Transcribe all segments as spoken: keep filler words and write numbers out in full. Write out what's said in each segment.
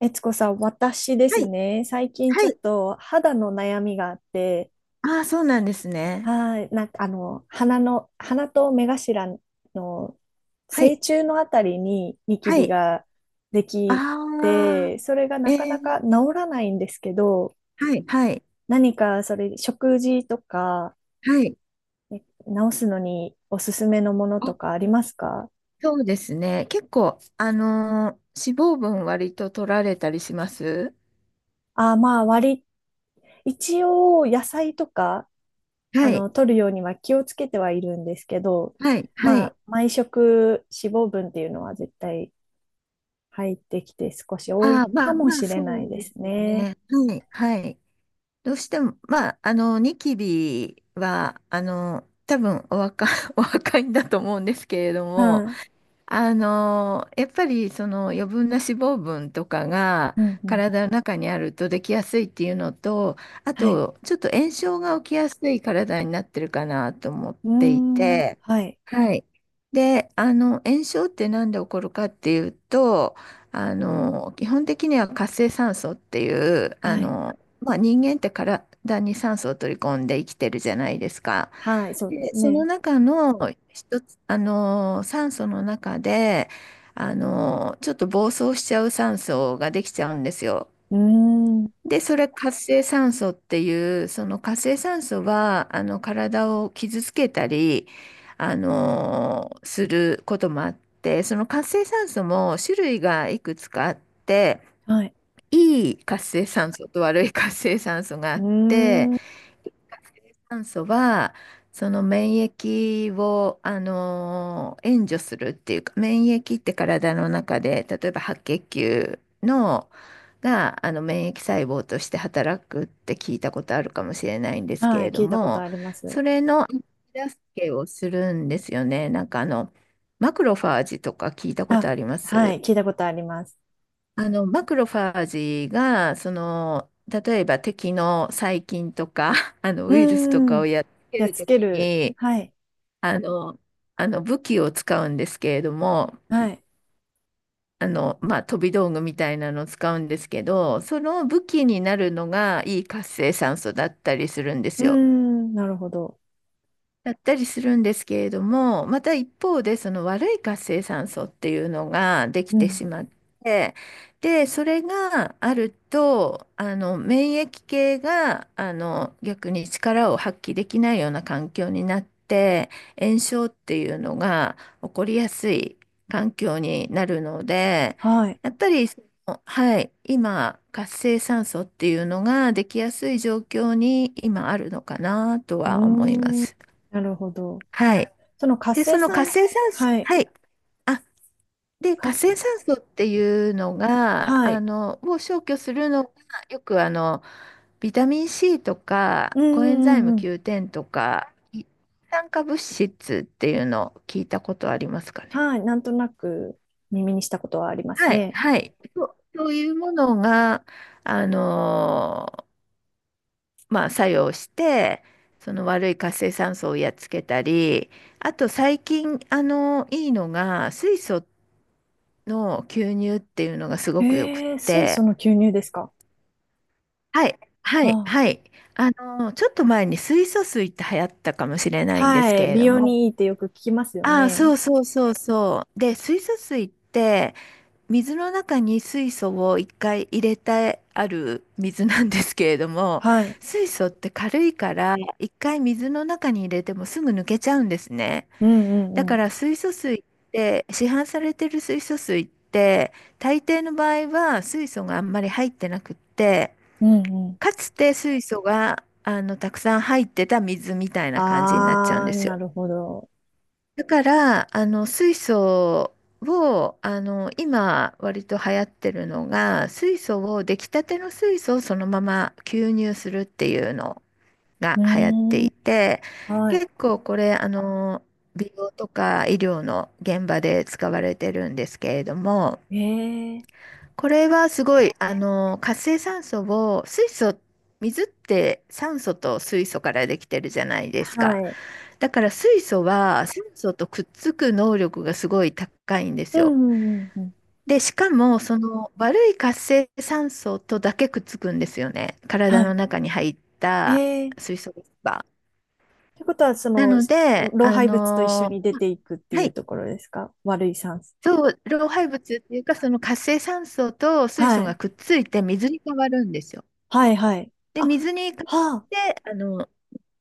えつこさん、私ではすい、ね、最近ちょはっい。と肌の悩みがあって、ああ、そうなんですね。はい、なんかあの、鼻の、鼻と目頭のは正い、中のあたりにニキはビい。ができあて、それがあ、なかえなか治え、らないんですけど、はい、はい、何かそれ、食事とか、はい。え治すのにおすすめのものとあ、かありますか？そうですね。結構、あのー脂肪分割と取られたりします。あ、まあ、割り、一応野菜とかはあい、の、取るようには気をつけてはいるんですけど、はい、はまい。あ、毎食脂肪分っていうのは絶対入ってきて少し多あいあ、まかあ、もまあ、しれそないうでですすよね。ね。はい、はい。どうしても、まあ、あの、ニキビは、あの、多分お若、お若いんだと思うんですけれどはも、い。あのーやっぱりその余分な脂肪分とかがうんうん。体の中にあるとできやすいっていうのと、あはい。とちょっと炎症が起きやすい体になってるかなと思っうーていん。て、はい。はい。で、あの炎症って何で起こるかっていうと、あの基本的には活性酸素っていう、あはい。の、まあ、人間って体に酸素を取り込んで生きてるじゃないですか。はい。そうでで、すそのね。中の一つ、あのー、酸素の中で、あのー、ちょっと暴走しちゃう酸素ができちゃうんですよ。うーん。で、それ活性酸素っていう、その活性酸素は、あの、体を傷つけたり、あのー、することもあって、その活性酸素も種類がいくつかあって、はい。いい活性酸素と悪い活性酸素があうって、ーん。酸素はその免疫を、あのー援助するっていうか、免疫って体の中で例えば白血球のがあの免疫細胞として働くって聞いたことあるかもしれないんですけはい。れど聞いたことも、あります。それの手助けをするんですよね。なんかあのマクロファージとか聞いたことあ、ありまはす？い。聞いたことあります。あの、マクロファージが、その、例えば敵の細菌とか、あの、うウイルスとーかをん。やっつけやっるつとけきる。に、はい。あの、あの、武器を使うんですけれども、はい。あの、まあ、飛び道具みたいなのを使うんですけど、その武器になるのがいい活性酸素だったりするんでうすーよ。ん。なるほど。やったりするんですけれども、また一方でその悪い活性酸素っていうのができうてん。しまって、で、それがあると、あの免疫系があの逆に力を発揮できないような環境になって、炎症っていうのが起こりやすい環境になるので、はい。やっぱりその、はい、今、活性酸素っていうのができやすい状況に今あるのかなとうは思いまーん、す。なるほど。はい。その活で、性その酸活性素、酸素、はい、はい。あ、で、か、活性酸素っていうのが、はあい。の、を消去するのが、よくあの、ビタミン C とか、うんコエンうザイんうム んうん。キューテン とか、い酸化物質っていうのを聞いたことありますかね？はい、なんとなく耳にしたことはありますはい、ね。はい。そう、そういうものが、あのーまあ、作用して、その悪い活性酸素をやっつけたり、あと最近、あのいいのが、水素っの牛乳っていうのがすごくよくっえー、水素て、の吸入ですか？はい、はい、あ、はい。あの、ちょっと前に水素水って流行ったかもしれないんではすけい、れ美ど容も、にいいってよく聞きますよああ、ね。そうそうそうそう。で、水素水って水の中に水素を一回入れてある水なんですけれども、はい。水素って軽いから一回水の中に入れてもすぐ抜けちゃうんですね。うんうだんうかん。ら水素水って、市販されてる水素水って大抵の場合は水素があんまり入ってなくって、うんうん。かつて水素があのたくさん入ってた水みたいな感じになっちゃうんあでー、すなよ。るほど。だからあの水素をあの今割と流行ってるのが、水素を出来たての水素をそのまま吸入するっていうのがう流行ってーん、いて、は結構これ、あの、美容とか医療の現場で使われてるんですけれども、い。えー、これはすごい、あの、活性酸素を、水素、水って酸素と水素からできてるじゃないですはか。い。だから水素は酸素とくっつく能力がすごい高いんでうすんよ。うんうんうん。で、しかも、その悪い活性酸素とだけくっつくんですよね。は体のい。中に入ったえー水素が。ってことは、そなの、ので、老あ廃物と一緒のに出ーまていくってはいうい、ところですか？悪い酸素。そう、老廃物っていうか、その活性酸素と水素はい。がくっついて水に変わるんですよ。はい、はい。で、あ、水に変わっはあ、て、あの、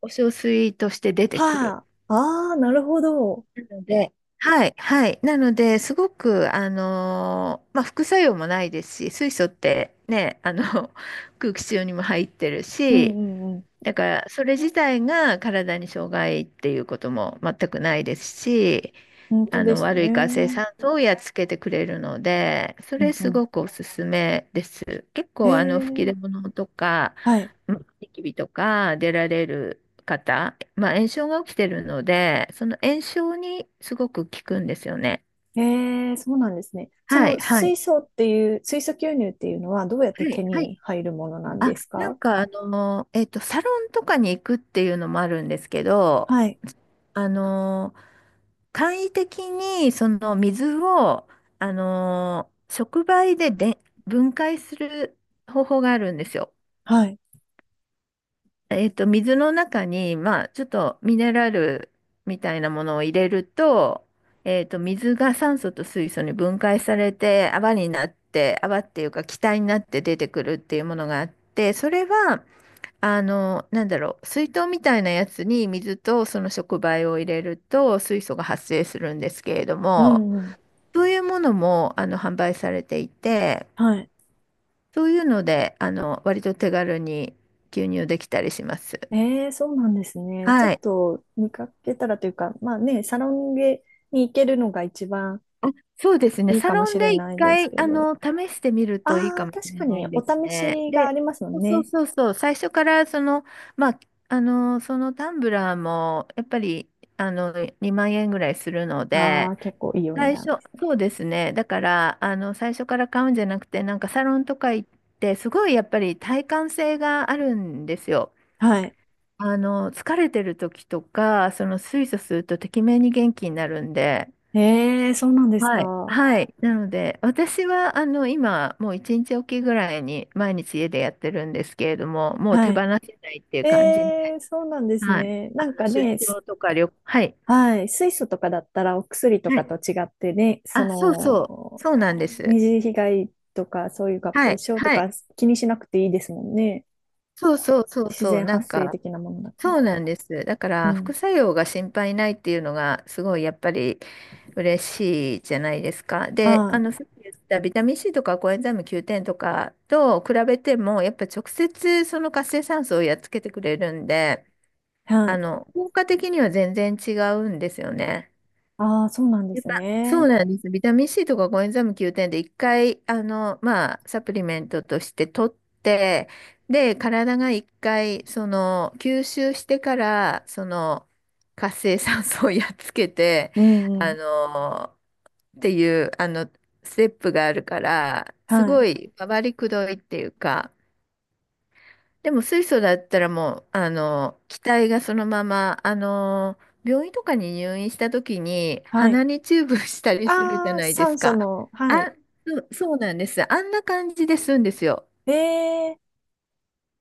お小水として出てくる。はあ、ああ、なるほど。なので、はい、はい。なので、すごく、あのーまあ、副作用もないですし、水素ってね、あの、空気中にも入ってるうんし、うんうん。だから、それ自体が体に障害っていうことも全くないですし、本当あでのす悪ね。うい活性ん酸素をやっつけてくれるので、そうれすん。ごくおすすめです。結へ構あの吹きえ、出物とか、はい。うん、ニキビとか出られる方、まあ、炎症が起きてるので、その炎症にすごく効くんですよね。へえ、そうなんですね。そはい、のはい、水素っていう、水素吸入っていうのはどうやっては手い、はい。に入るものなんあ、ですなんか？かあの、えっと、サロンとかに行くっていうのもあるんですけど、はい。あのー簡易的にその水を、あのー触媒で、で分解する方法があるんですよ。はい。えっと、水の中に、まあ、ちょっとミネラルみたいなものを入れると、えっと、水が酸素と水素に分解されて泡になって、泡っていうか気体になって出てくるっていうものがあって、それはあの、なんだろう、水筒みたいなやつに水とその触媒を入れると水素が発生するんですけれどうも、んうん。そういうものもあの販売されていて、はい。そういうので、あの、割と手軽に吸入できたりします。ええ、そうなんですね。ちょはっい。と見かけたらというか、まあね、サロンゲに行けるのが一番あ、そうですね。いいサかもロしンれで一ないです回、けあど。の、試してみるといいあかあ、もし確れかなにいおです試ね。しがあで、りますもそんうそうね。そうそう、最初からその、まあ、あの、そのタンブラーも、やっぱり、あの、にまん円ぐらいするのあで、あ、結構いいお値最段初、ですね。そうですね。だから、あの、最初から買うんじゃなくて、なんかサロンとか行って、すごいやっぱり体感性があるんですよ。はい。あの、疲れてる時とか、その水素するとてきめんに元気になるんで、ええ、そうなんですはい。か？はい。なので、私は、あの、今、もう一日おきぐらいに毎日家でやってるんですけれども、もう手は放い。せないっていうえ感じで、え、そうなんですはい。ね。あなんの、か出ね、張すとか旅行、はい。はい。水素とかだったらお薬とはかい。と違ってね、そあ、そうそう。の、そうなんで二す。次被害とかそういう合は併い。症とはかい。気にしなくていいですもんね。そうそうそう自そう、然なん発生か、的なものだから。そうなんです。だかうら、副ん。作用が心配ないっていうのが、すごいやっぱり嬉しいじゃないですか。で、ああの、さっき言ったビタミン C とかコエンザイム キューテン とかと比べても、やっぱ直接その活性酸素をやっつけてくれるんで、あ、はあい。の、効果的には全然違うんですよね。ああ、そうなんでやっすぱ、そうね。なんです。ビタミン C とかコエンザイム キューテン で一回、あの、まあ、サプリメントとして取って、で、体が一回、その、吸収してから、その、活性酸素をやっつけて、うんうあん。の、っていう、あの、ステップがあるから、すはごい。い、回りくどいっていうか、でも水素だったらもう、あの、気体がそのまま、あの、病院とかに入院した時にはい。鼻にチューブしたりするじゃああ、ないで酸す素か。の、はい。あ、そうそうなんです。あんな感じで吸うんですよ。ええ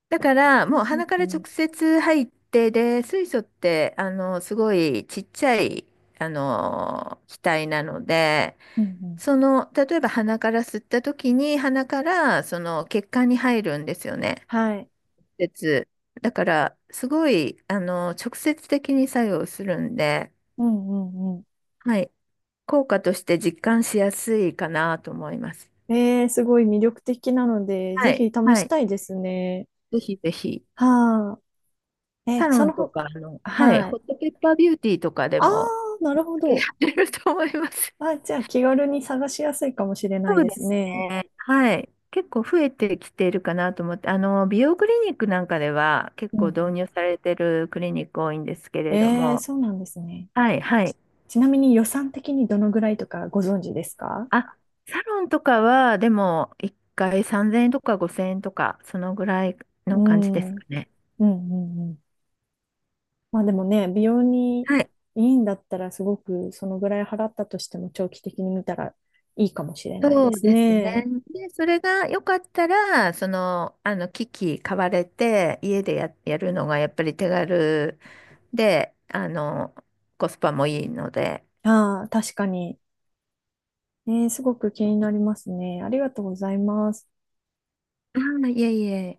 だからーなんもうとな鼻かくら直ね。接入って、で、水素って、あの、すごいちっちゃい、あの、気体なので、うんうん。その、例えば鼻から吸った時に鼻からその血管に入るんですよね。はい。接。だから、すごい、あの、直接的に作用するんで、うんうんうはい。効果として実感しやすいかなと思います。ん。ええすごい魅力的なので、ぜはい。ひ試はしい。たいですね。ぜひぜひ。はあ。え、サロそンのとほ、か、あの、はい。はホい。ットペッパービューティーとかでああ、も、なるほやど。ってると思います。あ、じゃあ気軽に探しやすいかもしれないそうでですすね。ね。はい。結構増えてきているかなと思って、あの、美容クリニックなんかでは結うんう構導ん。入されてるクリニック多いんですけれどええも、そうなんですね。はい、はちい。ちなみに予算的にどのぐらいとかご存知ですか？あ、サロンとかは、でも、一回さんぜんえんとかごせんえんとか、そのぐらいうの感じですん。うんかね。うんうん。まあでもね、美容にいはい。いんだったらすごくそのぐらい払ったとしても長期的に見たらいいかもしれないそでうすですね。ね。で、それが良かったら、その、あの、機器買われて、家でや、やるのがやっぱり手軽で、あの、コスパもいいので、ああ、確かに。えーすごく気になりますね。ありがとうございます。ああ、いえいえ。